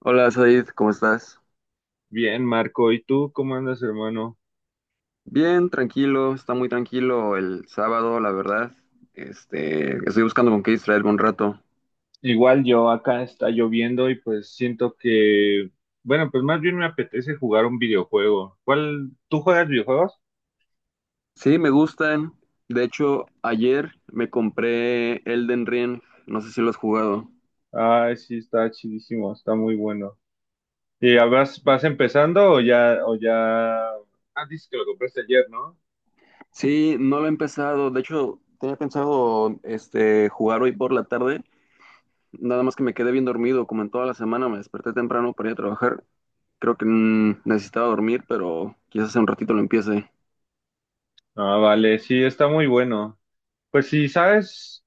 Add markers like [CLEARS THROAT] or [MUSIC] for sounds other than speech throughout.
Hola Said, ¿cómo estás? Bien, Marco, ¿y tú cómo andas, hermano? Bien, tranquilo, está muy tranquilo el sábado, la verdad. Este, estoy buscando con qué distraerme un rato. Igual yo acá está lloviendo y pues siento bueno, pues más bien me apetece jugar un videojuego. ¿Cuál? ¿Tú juegas videojuegos? Sí, me gustan. De hecho, ayer me compré Elden Ring, no sé si lo has jugado. Ay, sí, está chidísimo, está muy bueno. ¿Y ya vas empezando o ya, o ya? Ah, dices que lo compraste ayer, ¿no? Sí, no lo he empezado. De hecho, tenía pensado este jugar hoy por la tarde, nada más que me quedé bien dormido, como en toda la semana me desperté temprano para ir a trabajar. Creo que necesitaba dormir, pero quizás en un ratito lo empiece. Ah, vale, sí, está muy bueno. Pues si sabes,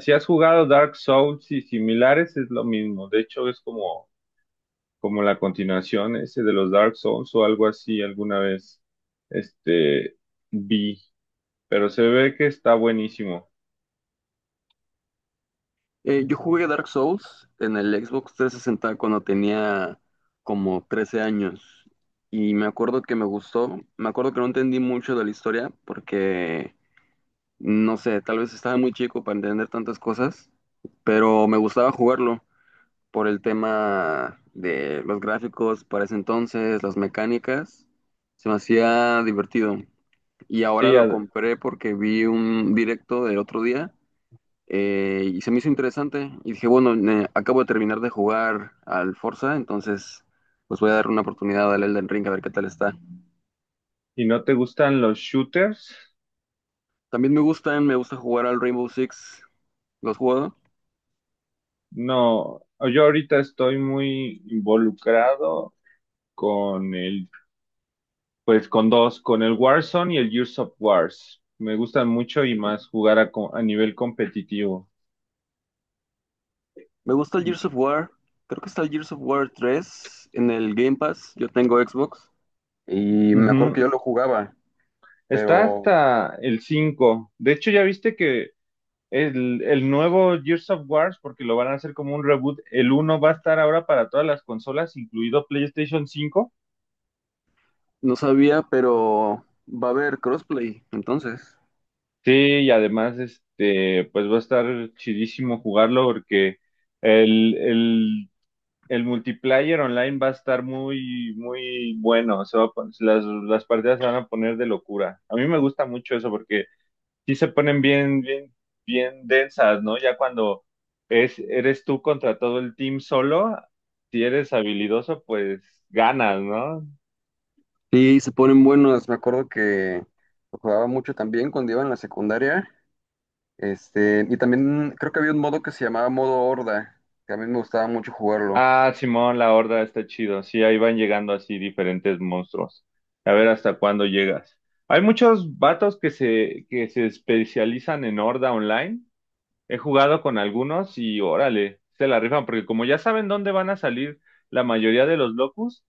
si has jugado Dark Souls y similares, es lo mismo. De hecho, es como la continuación ese de los Dark Souls o algo así alguna vez este vi, pero se ve que está buenísimo. Yo jugué Dark Souls en el Xbox 360 cuando tenía como 13 años y me acuerdo que me gustó, me acuerdo que no entendí mucho de la historia porque, no sé, tal vez estaba muy chico para entender tantas cosas, pero me gustaba jugarlo por el tema de los gráficos para ese entonces, las mecánicas, se me hacía divertido y ahora Sí, lo ad- compré porque vi un directo del otro día, y se me hizo interesante y dije, bueno, acabo de terminar de jugar al Forza, entonces pues voy a dar una oportunidad al Elden Ring a ver qué tal está. ¿Y no te gustan los shooters? También me gustan, me gusta jugar al Rainbow Six, ¿lo has jugado? No, yo ahorita estoy muy involucrado con pues con dos, con el Warzone y el Gears of Wars. Me gustan mucho y más jugar a nivel competitivo. Me gusta el Gears of War, creo que está el Gears of War 3 en el Game Pass, yo tengo Xbox y me acuerdo que yo Ujú. lo jugaba, Está pero hasta el cinco. De hecho, ya viste que el nuevo Gears of Wars, porque lo van a hacer como un reboot, el uno va a estar ahora para todas las consolas, incluido PlayStation cinco. no sabía, pero va a haber crossplay, entonces. Sí, y además, este, pues va a estar chidísimo jugarlo porque el, el, el multiplayer online va a estar muy, muy bueno. Se va a pon- Las partidas se van a poner de locura. A mí me gusta mucho eso porque sí se ponen bien, bien, bien densas, ¿no? Ya cuando eres tú contra todo el team solo, si eres habilidoso, pues ganas, ¿no? Sí, se ponen buenos, me acuerdo que lo jugaba mucho también cuando iba en la secundaria. Este, y también creo que había un modo que se llamaba modo horda, que a mí me gustaba mucho jugarlo. Ah, Simón, la horda está chido. Sí, ahí van llegando así diferentes monstruos. A ver hasta cuándo llegas. Hay muchos vatos que se especializan en horda online. He jugado con algunos y órale, se la rifan, porque como ya saben dónde van a salir la mayoría de los locus.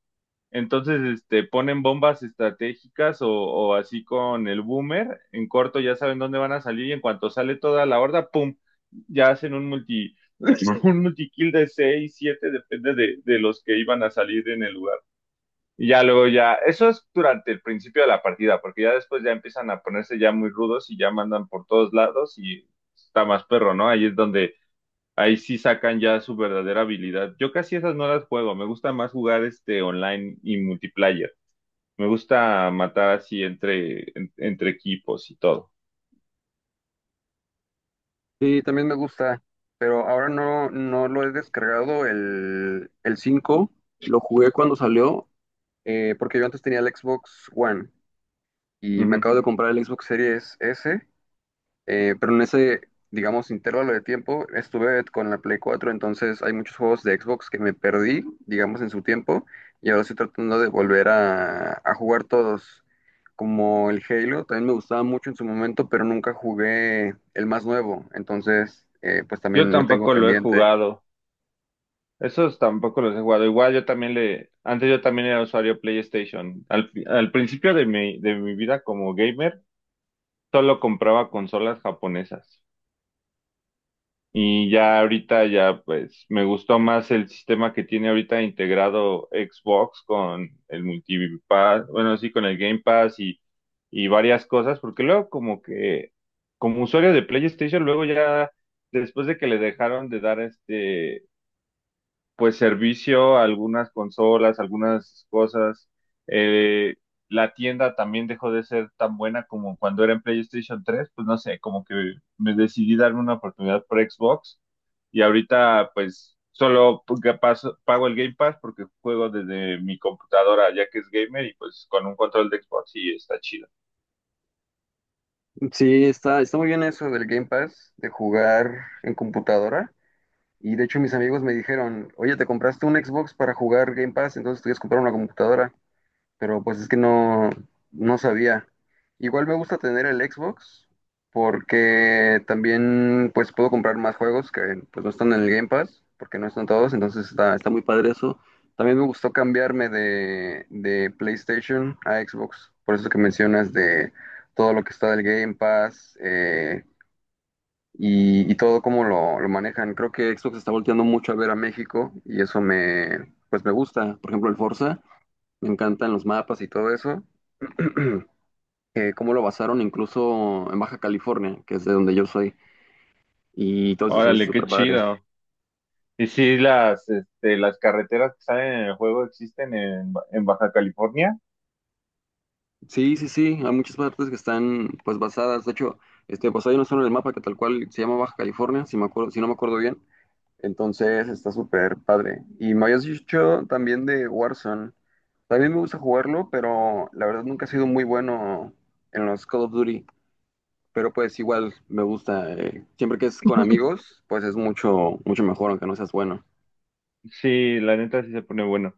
Entonces, este, ponen bombas estratégicas o así con el boomer, en corto ya saben dónde van a salir y en cuanto sale toda la horda, ¡pum! Ya hacen un multi, [LAUGHS] un multikill de 6, 7, depende de los que iban a salir en el lugar. Y ya luego ya, eso es durante el principio de la partida, porque ya después ya empiezan a ponerse ya muy rudos y ya mandan por todos lados y está más perro, ¿no? Ahí es donde, ahí sí sacan ya su verdadera habilidad. Yo casi esas no las juego, me gusta más jugar este online y multiplayer. Me gusta matar así entre equipos y todo. Sí, también me gusta, pero ahora no, no lo he descargado el 5, lo jugué cuando salió, porque yo antes tenía el Xbox One y me Ujú. acabo de comprar el Xbox Series S. Pero en ese, digamos, intervalo de tiempo estuve con la Play 4, entonces hay muchos juegos de Xbox que me perdí, digamos, en su tiempo, y ahora estoy tratando de volver a jugar todos, como el Halo, también me gustaba mucho en su momento, pero nunca jugué el más nuevo, entonces, pues Yo también lo tengo tampoco lo he pendiente. jugado. Esos tampoco los he jugado. Igual yo también le, antes yo también era usuario PlayStation. Al principio de de mi vida como gamer, solo compraba consolas japonesas. Y ya ahorita ya pues me gustó más el sistema que tiene ahorita integrado Xbox con el Multipass, bueno, sí, con el Game Pass y varias cosas, porque luego como que como usuario de PlayStation, luego ya después de que le dejaron de dar este pues servicio, algunas consolas, algunas cosas. Eh, la tienda también dejó de ser tan buena como cuando era en PlayStation tres, pues no sé, como que me decidí darme una oportunidad por Xbox y ahorita pues solo porque pago el Game Pass porque juego desde mi computadora ya que es gamer y pues con un control de Xbox y está chido. Sí, está muy bien eso del Game Pass, de jugar en computadora. Y de hecho mis amigos me dijeron, oye, ¿te compraste un Xbox para jugar Game Pass? Entonces tuvieras que comprar una computadora. Pero pues es que no, no sabía. Igual me gusta tener el Xbox porque también pues puedo comprar más juegos que pues no están en el Game Pass, porque no están todos, entonces está muy padre eso. También me gustó cambiarme de PlayStation a Xbox, por eso que mencionas de todo lo que está del Game Pass, y todo cómo lo manejan. Creo que Xbox está volteando mucho a ver a México y eso me pues me gusta. Por ejemplo, el Forza, me encantan los mapas y todo eso. [CLEARS THROAT] Cómo lo basaron incluso en Baja California, que es de donde yo soy, y todo eso se me hizo Órale, qué súper padre. chido. Y sí, las, este, las carreteras que salen en el juego existen en Baja California. Sí, sí, sí, hay muchas partes que están pues basadas, de hecho, este, pues hay una zona en el mapa que tal cual se llama Baja California, si me acuerdo, si no me acuerdo bien, entonces está súper padre. Y me habías dicho también de Warzone, también me gusta jugarlo, pero la verdad nunca he sido muy bueno en los Call of Duty. Pero pues igual me gusta, siempre que es con amigos, pues es mucho, mucho mejor, aunque no seas bueno. Sí, la neta sí se pone bueno.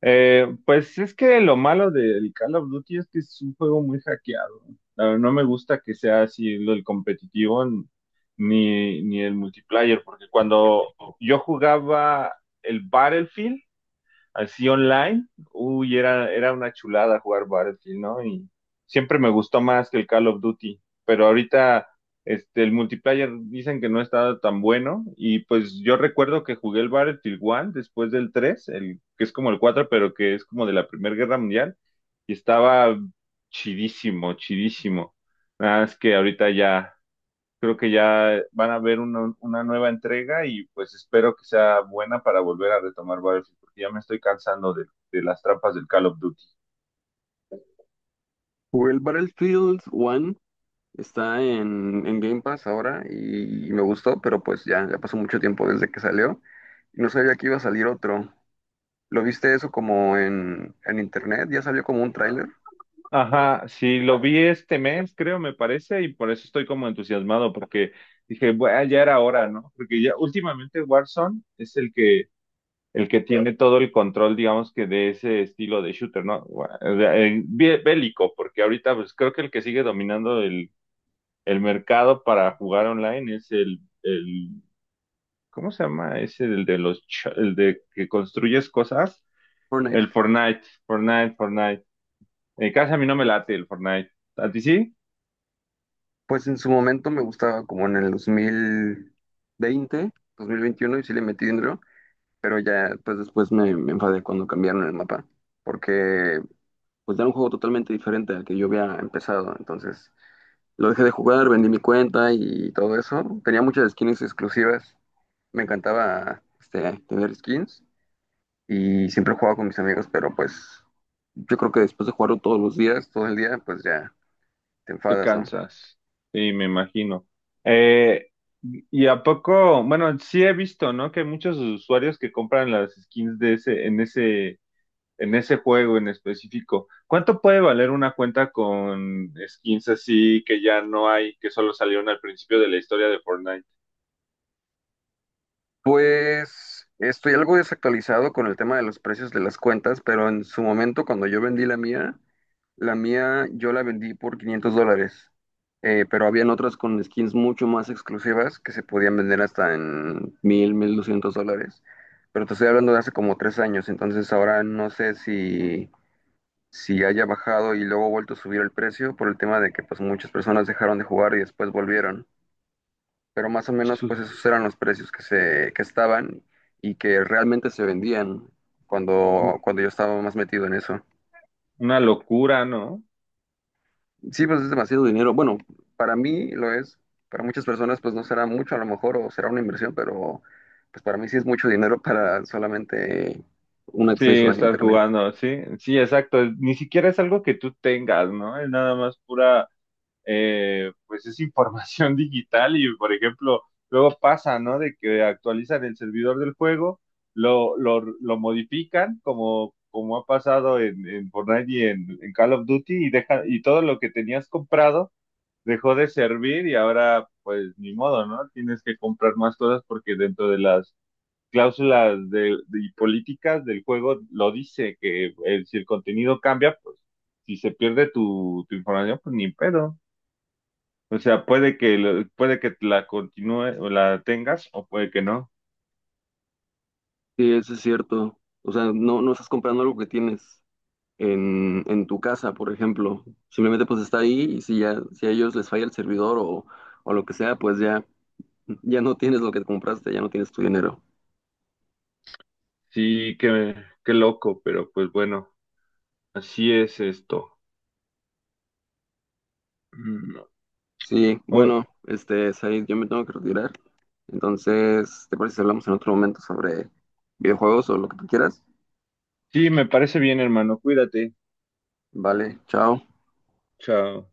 Pues es que lo malo del Call of Duty es que es un juego muy hackeado. Ah, no me gusta que sea así lo del competitivo ni el multiplayer, porque cuando yo jugaba el Battlefield, así online, uy, era, era una chulada jugar Battlefield, ¿no? Y siempre me gustó más que el Call of Duty, pero ahorita este, el multiplayer dicen que no está tan bueno y pues yo recuerdo que jugué el Battlefield 1 después del 3, el, que es como el 4 pero que es como de la Primera Guerra Mundial y estaba chidísimo, chidísimo. Nada más que ahorita ya creo que ya van a ver una nueva entrega y pues espero que sea buena para volver a retomar Battlefield, porque ya me estoy cansando de las trampas del Call of Duty. Jugué el Battlefield 1, está en Game Pass ahora y, me gustó, pero pues ya, ya pasó mucho tiempo desde que salió y no sabía que iba a salir otro. ¿Lo viste eso como en internet? ¿Ya salió como un tráiler? Ajá, sí, lo vi este mes, creo, me parece, y por eso estoy como entusiasmado, porque dije, bueno, ya era hora, ¿no? Porque ya últimamente Warzone es el el que tiene todo el control, digamos que de ese estilo de shooter, ¿no? Bueno, bélico, porque ahorita pues creo que el que sigue dominando el mercado para jugar online es el… ¿Cómo se llama ese del de los el de que construyes cosas? El Fortnite. Fortnite, Fortnite. En casa a mí no me late el Fortnite. ¿A ti sí? Pues en su momento me gustaba como en el 2020, 2021 y sí le metí dinero, pero ya pues después me enfadé cuando cambiaron el mapa, porque pues era un juego totalmente diferente al que yo había empezado, entonces lo dejé de jugar, vendí mi cuenta y todo eso. Tenía muchas skins exclusivas. Me encantaba este, tener skins y siempre jugaba con mis amigos, pero pues yo creo que después de jugarlo todos los días, todo el día, pues ya te Te enfadas, ¿no? cansas. Sí, me imagino. Eh, y a poco, bueno, sí he visto, ¿no? Que hay muchos usuarios que compran las skins de en ese juego en específico. ¿Cuánto puede valer una cuenta con skins así que ya no hay, que solo salieron al principio de la historia de Fortnite? Pues estoy algo desactualizado con el tema de los precios de las cuentas, pero en su momento cuando yo vendí la mía, la mía yo la vendí por $500, pero habían otras con skins mucho más exclusivas que se podían vender hasta en mil doscientos dólares. Pero te estoy hablando de hace como 3 años, entonces ahora no sé si haya bajado y luego vuelto a subir el precio por el tema de que pues muchas personas dejaron de jugar y después volvieron. Pero más o menos pues esos [LAUGHS] eran los precios que estaban y que realmente se vendían cuando yo estaba más metido en eso. Una locura, ¿no? Sí, pues es demasiado dinero. Bueno, para mí lo es. Para muchas personas, pues no será mucho a lo mejor o será una inversión, pero pues para mí sí es mucho dinero para solamente un Sí, acceso a estar internet. jugando, sí, sí, exacto. Ni siquiera es algo que tú tengas, ¿no? Es nada más pura, pues es información [LAUGHS] digital y, por ejemplo, luego pasa, ¿no? De que actualizan el servidor del juego, lo modifican, como, como ha pasado en Fortnite y en Call of Duty, y deja, y todo lo que tenías comprado dejó de servir y ahora, pues, ni modo, ¿no? Tienes que comprar más cosas porque dentro de las cláusulas políticas del juego lo dice, que el, si el contenido cambia, pues si se pierde tu, tu información, pues ni pedo. O sea, puede puede que la continúe o la tengas o puede que no. Sí, eso es cierto. O sea, no, no estás comprando algo que tienes en tu casa, por ejemplo. Simplemente pues está ahí y si ya, si a ellos les falla el servidor o lo que sea, pues ya, ya no tienes lo que compraste, ya no tienes tu dinero. Sí, qué, qué loco, pero pues bueno, así es esto. Mm, Sí, bueno, o- este, Said, yo me tengo que retirar. Entonces, ¿te parece si hablamos en otro momento sobre videojuegos o lo que tú quieras? sí, me parece bien, hermano. Cuídate. Vale, chao. Chao.